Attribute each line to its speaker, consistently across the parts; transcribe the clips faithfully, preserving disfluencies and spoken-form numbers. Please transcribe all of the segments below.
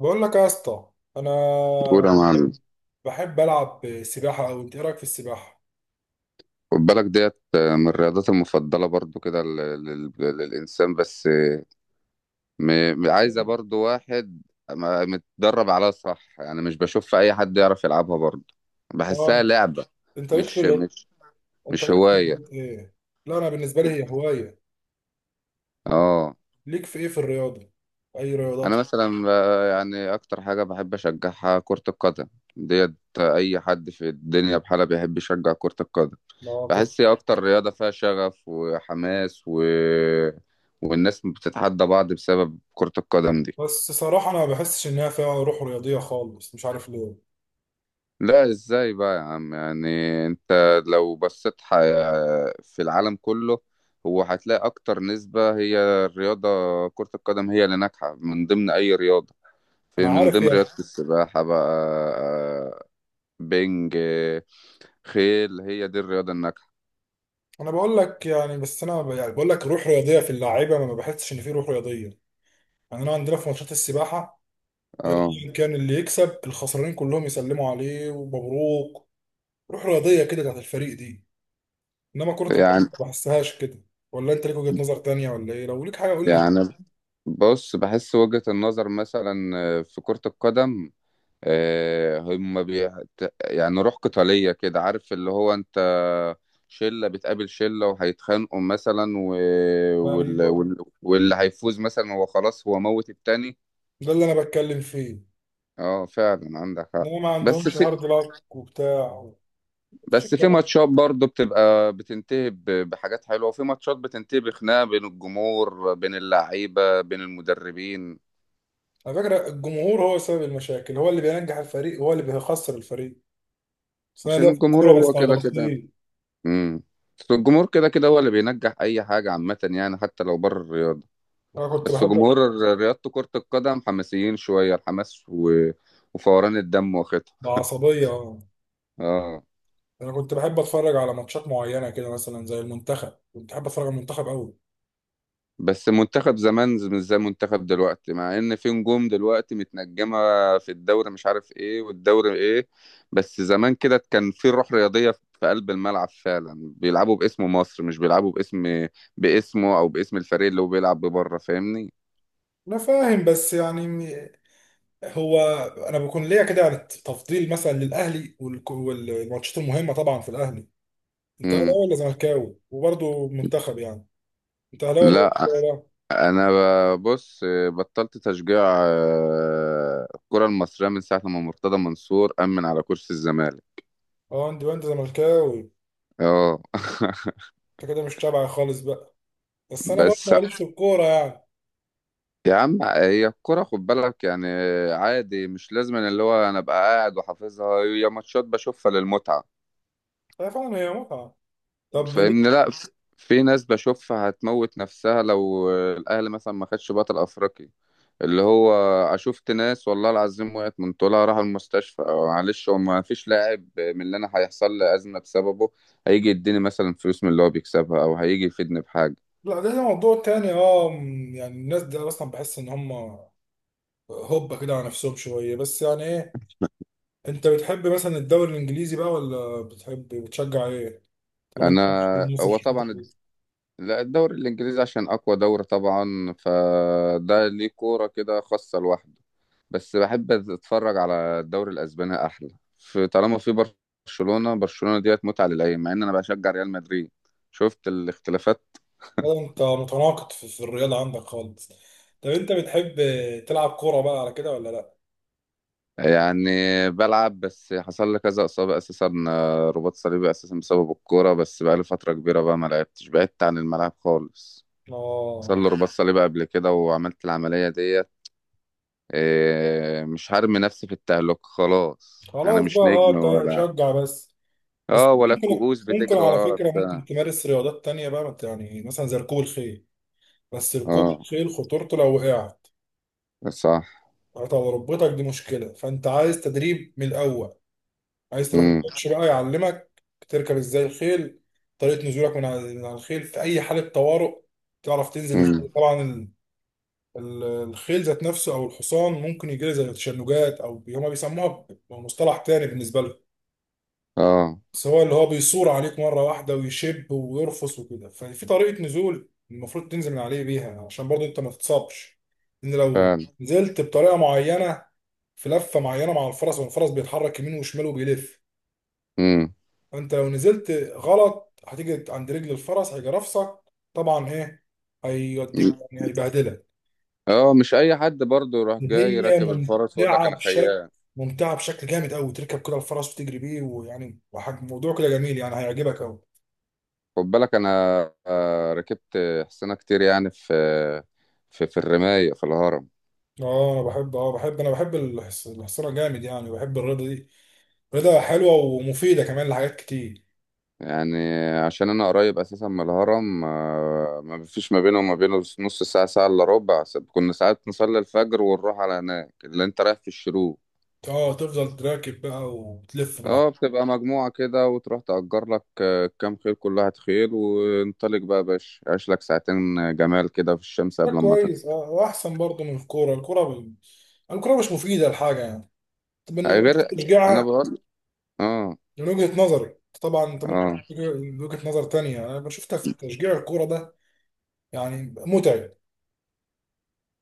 Speaker 1: بقول لك يا اسطى، انا
Speaker 2: كورة يا معلم.
Speaker 1: بحب العب سباحه قوي. انت ايه رايك في السباحه؟
Speaker 2: خد بالك ديت من الرياضات المفضلة برضو كده لل- لل- للإنسان. بس م- م- عايزة برضو واحد ما- متدرب عليها، صح؟ يعني مش بشوف أي حد يعرف يلعبها برضو، بحسها
Speaker 1: اه
Speaker 2: لعبة.
Speaker 1: انت ليك في
Speaker 2: مش
Speaker 1: الرياضة-
Speaker 2: مش
Speaker 1: انت
Speaker 2: مش
Speaker 1: ليك في
Speaker 2: هواية.
Speaker 1: الرياضات ايه؟ لا انا بالنسبه لي هي هوايه.
Speaker 2: اه.
Speaker 1: ليك في ايه في الرياضه؟ اي رياضات؟
Speaker 2: أنا مثلا آه، يعني أكتر حاجة بحب أشجعها كرة القدم ديت. أي حد في الدنيا بحالة بيحب يشجع كرة القدم.
Speaker 1: لا كرة.
Speaker 2: بحس هي اكتر رياضة فيها شغف وحماس و... والناس بتتحدى بعض بسبب كرة القدم دي.
Speaker 1: بس صراحه انا ما بحسش انها فيها روح رياضيه خالص، مش عارف ليه.
Speaker 2: لا، ازاي بقى يا عم يعني. انت لو بصيت ح... في العالم كله، هو هتلاقي اكتر نسبة هي الرياضة. كرة القدم هي اللي ناجحة من ضمن اي رياضة،
Speaker 1: انا
Speaker 2: في من
Speaker 1: عارف
Speaker 2: ضمن رياضة
Speaker 1: يعني.
Speaker 2: السباحة بقى، بينج، خيل. هي دي الرياضة الناجحة.
Speaker 1: انا بقول لك يعني، بس انا ب- يعني بقول لك روح رياضيه في اللعيبه ما بحسش ان في روح رياضيه. يعني انا عندنا في ماتشات السباحه
Speaker 2: اه.
Speaker 1: ايا كان اللي يكسب الخسرانين كلهم يسلموا عليه ومبروك. روح رياضيه كده بتاعت الفريق دي، انما كره القدم
Speaker 2: يعني.
Speaker 1: ما بحسهاش كده. ولا انت ليك وجهه نظر تانية ولا ايه؟ لو ليك حاجه قول لي كده.
Speaker 2: يعني بص، بحس وجهة النظر مثلا آه، في كرة القدم، آه، هم بي... ت- يعني روح قتالية كده، عارف اللي هو انت شلة بتقابل شلة وهيتخانقوا مثلا و... وال...
Speaker 1: ايوه،
Speaker 2: وال... واللي هيفوز مثلا هو خلاص هو موت التاني.
Speaker 1: ده اللي انا بتكلم فيه.
Speaker 2: اه فعلا عندك حق.
Speaker 1: انما ما
Speaker 2: بس
Speaker 1: عندهمش
Speaker 2: في
Speaker 1: هارد لك وبتاع، مفيش
Speaker 2: بس
Speaker 1: الكلام
Speaker 2: في
Speaker 1: ده.
Speaker 2: ماتشات برضه بتبقى بتنتهي ب... بحاجات حلوة، وفي ماتشات بتنتهي بخناقة بين الجمهور بين اللعيبة بين المدربين.
Speaker 1: على فكره الجمهور هو سبب المشاكل، هو اللي بينجح الفريق هو اللي بيخسر الفريق. بس انا
Speaker 2: عشان
Speaker 1: ليا في
Speaker 2: الجمهور
Speaker 1: الكوره
Speaker 2: هو
Speaker 1: بس على
Speaker 2: كده كده.
Speaker 1: بسيط.
Speaker 2: امم بس الجمهور كده كده هو اللي بينجح اي حاجه عامه يعني، حتى لو بره الرياضه.
Speaker 1: انا كنت
Speaker 2: بس
Speaker 1: بحب
Speaker 2: جمهور ر- رياضه كره القدم حماسيين شويه، الحماس و... وفوران الدم واخدها.
Speaker 1: بعصبيه، اه.
Speaker 2: اه.
Speaker 1: انا كنت بحب اتفرج على ماتشات معينه كده، مثلا زي المنتخب كنت بحب اتفرج على المنتخب قوي.
Speaker 2: بس منتخب زمان ز- مش زي منتخب دلوقتي، مع ان في نجوم دلوقتي متنجمه في الدوري، مش عارف ايه والدوري ايه. بس زمان كده كان في روح رياضيه في قلب الملعب، فعلا بيلعبوا باسم مصر مش بيلعبوا باسم باسمه او باسم الفريق اللي هو بيلعب بره. فاهمني؟
Speaker 1: انا فاهم، بس يعني هو انا بكون ليا كده يعني تفضيل مثلا للاهلي والك- والماتشات المهمه طبعا في الاهلي. انت
Speaker 2: امم.
Speaker 1: اهلاوي ولا زملكاوي؟ وبرضه منتخب يعني. انت اهلاوي ولا
Speaker 2: لا،
Speaker 1: زملكاوي بقى؟
Speaker 2: انا ب- بص، بطلت تشجيع آه، الكره المصريه من ساعه لما مرتضى منصور امن على كرسي الزمالك.
Speaker 1: اه، انت انت زملكاوي.
Speaker 2: اه
Speaker 1: انت كده مش تابع خالص بقى. بس انا برضه
Speaker 2: بس
Speaker 1: ماليش في الكوره يعني.
Speaker 2: يا عم هي الكره خد بالك يعني، عادي مش لازم إن اللي هو انا ابقى قاعد وحافظها. هي ماتشات بشوفها للمتعه،
Speaker 1: هي فعلا هي متعه. طب
Speaker 2: فاهمني؟
Speaker 1: ليه-
Speaker 2: لا ف- في ناس بشوفها هتموت نفسها لو الاهلي مثلا ما خدش بطل افريقي. اللي هو شفت ناس والله العظيم وقعت من طولها راحوا المستشفى. آه، معلش، هو ما فيش لاعب من اللي انا هيحصل لي ازمه بسببه. هيجي يديني مثلا فلوس من اللي هو بيكسبها، او هيجي يفيدني بحاجه؟
Speaker 1: لا ده ده موضوع تاني. اه م، يعني الناس دي اصلا بحس ان هم هوبا كده على نفسهم شويه، بس يعني ايه. انت بتحب مثلا الدوري الانجليزي بقى، ولا بتحب بتشجع ايه؟ طالما
Speaker 2: انا؟
Speaker 1: انت مصر.
Speaker 2: هو طبعا. لا الدوري الإنجليزي عشان أقوى دوري طبعا، فده ليه كورة كده خاصة لوحده. بس بحب أتفرج على الدوري الأسباني، أحلى في، طالما في برشلونة. برشلونة ديت متعة للعين، مع إن أنا بشجع ريال مدريد. شفت الاختلافات.
Speaker 1: هو انت متناقض في, في الرياضه عندك خالص. طب انت بتحب تلعب كوره بقى على كده ولا لا؟
Speaker 2: يعني بلعب، بس حصل لي كذا إصابة أساسا، آه، رباط صليبي أساسا بسبب الكورة. بس بقالي فترة كبيرة بقى ما لعبتش، بعدت عن الملعب خالص. حصل
Speaker 1: اه،
Speaker 2: لي رباط صليبي قبل كده وعملت العملية ديت. إيه، مش هرمي نفسي في التهلكة. خلاص انا
Speaker 1: خلاص بقى،
Speaker 2: مش
Speaker 1: اه،
Speaker 2: نجم
Speaker 1: انت
Speaker 2: ولا.
Speaker 1: شجع بس. بس
Speaker 2: اه، ولا
Speaker 1: ممكن
Speaker 2: الكؤوس
Speaker 1: ممكن
Speaker 2: بتجري
Speaker 1: على
Speaker 2: ورايا ولا
Speaker 1: فكره
Speaker 2: بتاع.
Speaker 1: ممكن تمارس رياضات تانية بقى، مت- يعني مثلا زي ركوب الخيل. بس ركوب
Speaker 2: اه
Speaker 1: الخيل خطورته لو وقعت
Speaker 2: صح.
Speaker 1: هتبقى ركبتك دي مشكله، فانت عايز تدريب من الاول. عايز تروح
Speaker 2: امم.
Speaker 1: الكوتش بقى يعلمك تركب ازاي الخيل. طريقه نزولك من على من على الخيل في اي حاله طوارئ، تعرف تنزل
Speaker 2: امم.
Speaker 1: ازاي طبعا. ال- الخيل ذات نفسه او الحصان ممكن يجري زي تشنجات، او بي- هما بيسموها بمصطلح تاني بالنسبه لهم.
Speaker 2: اه
Speaker 1: بس هو اللي هو بيصور عليك مره واحده ويشب ويرفس وكده. ففي طريقه نزول المفروض تنزل من عليه بيها، عشان برضه انت ما تتصابش، ان لو
Speaker 2: فعلا.
Speaker 1: نزلت بطريقه معينه في لفه معينه مع الفرس، والفرس بيتحرك يمين وشمال وبيلف.
Speaker 2: امم.
Speaker 1: فانت لو نزلت غلط هتيجي عند رجل الفرس هيجي رافسك. طبعا ايه، هيوديك يعني هيبهدلك.
Speaker 2: اه، مش اي حد برضه يروح جاي
Speaker 1: هي
Speaker 2: راكب الفرس ويقول لك
Speaker 1: ممتعة
Speaker 2: انا
Speaker 1: بشكل،
Speaker 2: خيال.
Speaker 1: ممتعة بشكل جامد قوي. تركب كده الفرس وتجري بيه، ويعني وحاجة موضوع كده جميل، يعني هيعجبك قوي.
Speaker 2: خد بالك انا آه، ركبت حصانة كتير يعني، في في في الرماية في الهرم.
Speaker 1: اه، انا بحب، اه بحب، انا بحب الحص- الحصانة جامد، يعني بحب الرياضة دي. رياضة حلوة ومفيدة كمان لحاجات كتير.
Speaker 2: يعني عشان انا قريب اساسا من الهرم. آه، ما فيش ما بينه وما بينه نص ساعه، ساعه الا ربع. س- كنا ساعات نصلي الفجر ونروح على هناك اللي انت رايح في الشروق.
Speaker 1: اه، تفضل تراكب بقى وتلف
Speaker 2: اه،
Speaker 1: براحتك.
Speaker 2: بتبقى مجموعه كده وتروح تأجر لك آه، كام خيل، كل واحد خيل، وانطلق بقى يا باشا، عيش لك ساعتين جمال كده في الشمس
Speaker 1: ده
Speaker 2: قبل ما
Speaker 1: كويس،
Speaker 2: تطلع.
Speaker 1: اه، واحسن برضه من الكورة. الكورة ب... الكورة مش مفيدة لحاجة يعني. طب ان
Speaker 2: أي
Speaker 1: إنك
Speaker 2: غير. انا
Speaker 1: تشجعها،
Speaker 2: بقول. اه.
Speaker 1: من وجهة نظري. طبعا انت ممكن
Speaker 2: اه.
Speaker 1: تجي- من وجهة نظر تانية انا شفتها في تشجيع الكورة ده، يعني متعب.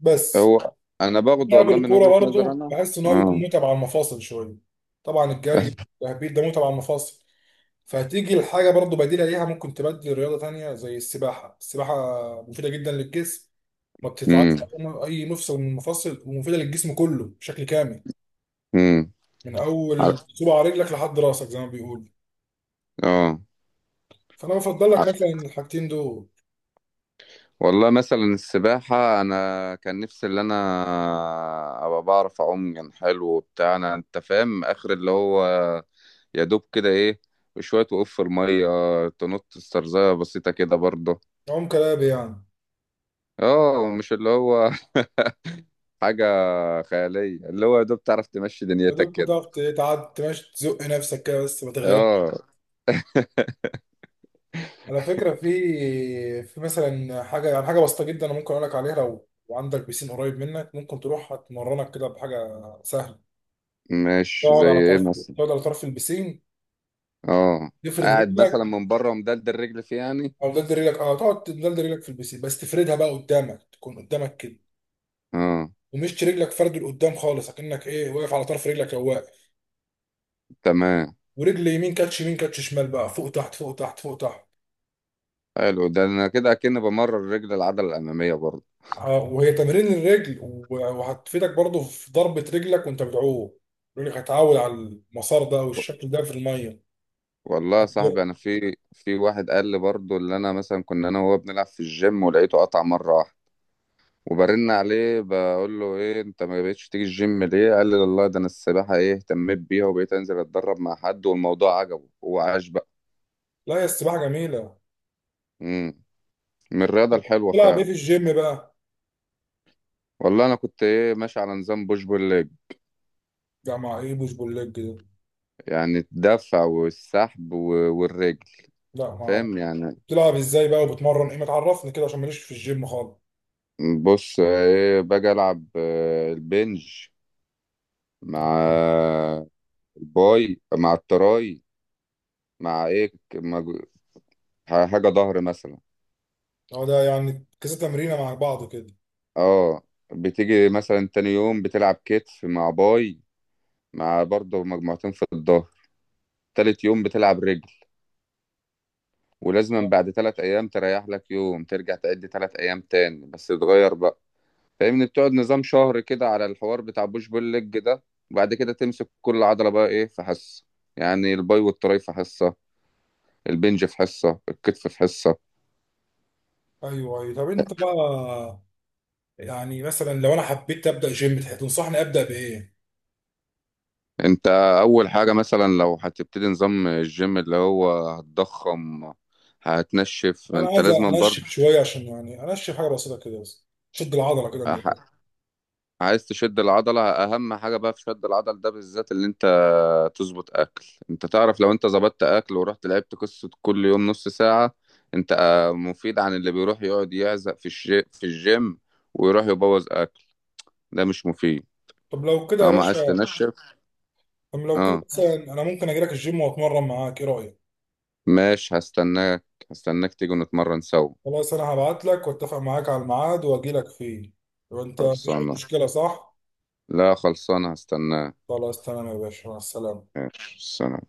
Speaker 1: بس
Speaker 2: هو انا باخد
Speaker 1: لعب
Speaker 2: والله من
Speaker 1: الكوره
Speaker 2: وجهة نظر
Speaker 1: برضه
Speaker 2: انا.
Speaker 1: بحس ان هو بيكون
Speaker 2: اه.
Speaker 1: متعب على المفاصل شويه. طبعا الجري التهبيط ده متعب على المفاصل، فهتيجي الحاجه برضه بديله ليها. ممكن تبدل رياضه تانية زي السباحه. السباحه مفيده جدا للجسم، ما
Speaker 2: امم.
Speaker 1: بتتعبش اي مفصل من المفاصل، ومفيده للجسم كله بشكل كامل،
Speaker 2: امم.
Speaker 1: من اول صباع رجلك لحد راسك زي ما بيقولوا.
Speaker 2: اه.
Speaker 1: فانا بفضل لك مثلا الحاجتين دول.
Speaker 2: والله مثلا السباحة أنا كان نفسي اللي أنا أبقى بعرف أعوم كان حلو وبتاع. أنا، أنت فاهم، آخر اللي هو يا دوب كده إيه، شوية وقف في المية، تنط، استرزاية بسيطة كده برضه.
Speaker 1: عم كلابي يعني،
Speaker 2: اه، مش اللي هو حاجة خيالية، اللي هو يا دوب تعرف تمشي دنيتك
Speaker 1: فدول كنت
Speaker 2: كده.
Speaker 1: تعرف تعدي تمشي تزق نفسك كده بس ما تغرقش.
Speaker 2: اه،
Speaker 1: على فكرة في، في مثلا حاجة، يعني حاجة بسيطة جدا أنا ممكن أقول لك عليها. لو وعندك بيسين قريب منك ممكن تروح هتمرنك كده بحاجة سهلة.
Speaker 2: مش
Speaker 1: تقعد
Speaker 2: زي
Speaker 1: على
Speaker 2: إيه
Speaker 1: طرف،
Speaker 2: مثلا.
Speaker 1: تقعد على طرف البيسين،
Speaker 2: اه،
Speaker 1: تفرد
Speaker 2: قاعد مثلا
Speaker 1: رجلك،
Speaker 2: من بره ومدلدل رجلي فيه يعني.
Speaker 1: أو دلد رجلك. أه تقعد تدلد رجلك في البيسين، بس تفردها بقى قدامك، تكون قدامك كده،
Speaker 2: اه.
Speaker 1: ومش رجلك فرد لقدام خالص، أكنك إيه واقف على طرف رجلك أو واقف.
Speaker 2: تمام.
Speaker 1: ورجل يمين كاتش، يمين كاتش شمال بقى، فوق تحت فوق تحت فوق تحت.
Speaker 2: حلو ده، أنا كده أكن بمرن رجل العضلة الأمامية برضه.
Speaker 1: اه، وهي تمرين الرجل و- وهتفيدك برضو في ضربة رجلك وانت بتعوم. رجلك هتعود على المسار ده والشكل ده في المية.
Speaker 2: والله يا صاحبي
Speaker 1: هت-
Speaker 2: انا في في واحد قال لي برضه، اللي انا مثلا كنا انا وهو بنلعب في الجيم، ولقيته قطع مره واحده وبرن عليه. بقول له ايه انت ما بقتش تيجي الجيم ليه؟ قال لي والله ده انا السباحه ايه اهتميت بيها وبقيت انزل اتدرب مع حد والموضوع عجبه وعاش بقى.
Speaker 1: لا، يا السباحة جميلة.
Speaker 2: امم. من الرياضه الحلوه
Speaker 1: تلعب ايه
Speaker 2: فعلا.
Speaker 1: في الجيم بقى؟
Speaker 2: والله انا كنت ايه ماشي على نظام بوش بول ليج.
Speaker 1: لا، مع ايه بوش بول ليج ده؟
Speaker 2: يعني الدفع والسحب و- والرجل،
Speaker 1: لا ما اعرف.
Speaker 2: فاهم يعني.
Speaker 1: بتلعب ازاي بقى وبتمرن ايه؟ ما تعرفني كده عشان ماليش في الجيم خالص.
Speaker 2: بص ايه، باجي العب آه، البنج مع الباي مع التراي، مع ايه مع جو- حاجة ظهر مثلا.
Speaker 1: اه، ده يعني كذا تمرينة مع بعض كده.
Speaker 2: اه. بتيجي مثلا تاني يوم بتلعب كتف مع باي، مع برضه مجموعتين في الظهر. تالت يوم بتلعب رجل. ولازم
Speaker 1: اه،
Speaker 2: بعد تلات أيام تريح لك يوم ترجع تعد تلات أيام تاني، بس تتغير بقى، فاهمني؟ بتقعد نظام شهر كده على الحوار بتاع بوش بول ليج ده، وبعد كده تمسك كل عضلة بقى ايه في حصة. يعني الباي والتراي في حصة، البنج في حصة، الكتف في حصة.
Speaker 1: ايوه ايوه. طب انت بقى، يعني مثلا لو انا حبيت ابدا جيم تح- تنصحني ابدا بايه؟
Speaker 2: انت اول حاجة مثلا لو هتبتدي نظام الجيم، اللي هو هتضخم، هتنشف،
Speaker 1: انا
Speaker 2: انت
Speaker 1: عايز
Speaker 2: لازم
Speaker 1: انشف
Speaker 2: برضه.
Speaker 1: شويه، عشان يعني انشف حاجه بسيطه كده بس، شد العضله كده من
Speaker 2: ح-
Speaker 1: الآخر.
Speaker 2: عايز تشد العضلة، اهم حاجة بقى في شد العضل ده بالذات اللي انت تظبط اكل. انت تعرف لو انت ظبطت اكل ورحت لعبت قصة كل يوم نص ساعة، انت آه، مفيد عن اللي بيروح يقعد يعزق في الجي... في الجيم ويروح يبوظ اكل. ده مش مفيد،
Speaker 1: طب لو كده يا
Speaker 2: طالما عايز
Speaker 1: باشا،
Speaker 2: تنشف.
Speaker 1: طب لو كده
Speaker 2: اه،
Speaker 1: مثلا انا ممكن اجي لك الجيم واتمرن معاك، ايه رايك؟
Speaker 2: ماشي، هستناك. هستناك تيجي نتمرن سوا.
Speaker 1: خلاص، انا هبعت لك واتفق معاك على الميعاد واجي لك فيه، وانت مفيش اي
Speaker 2: خلصانة.
Speaker 1: مشكله صح؟
Speaker 2: لا خلصانة، هستناك.
Speaker 1: خلاص تمام يا باشا، مع السلامه.
Speaker 2: ماشي، سلام.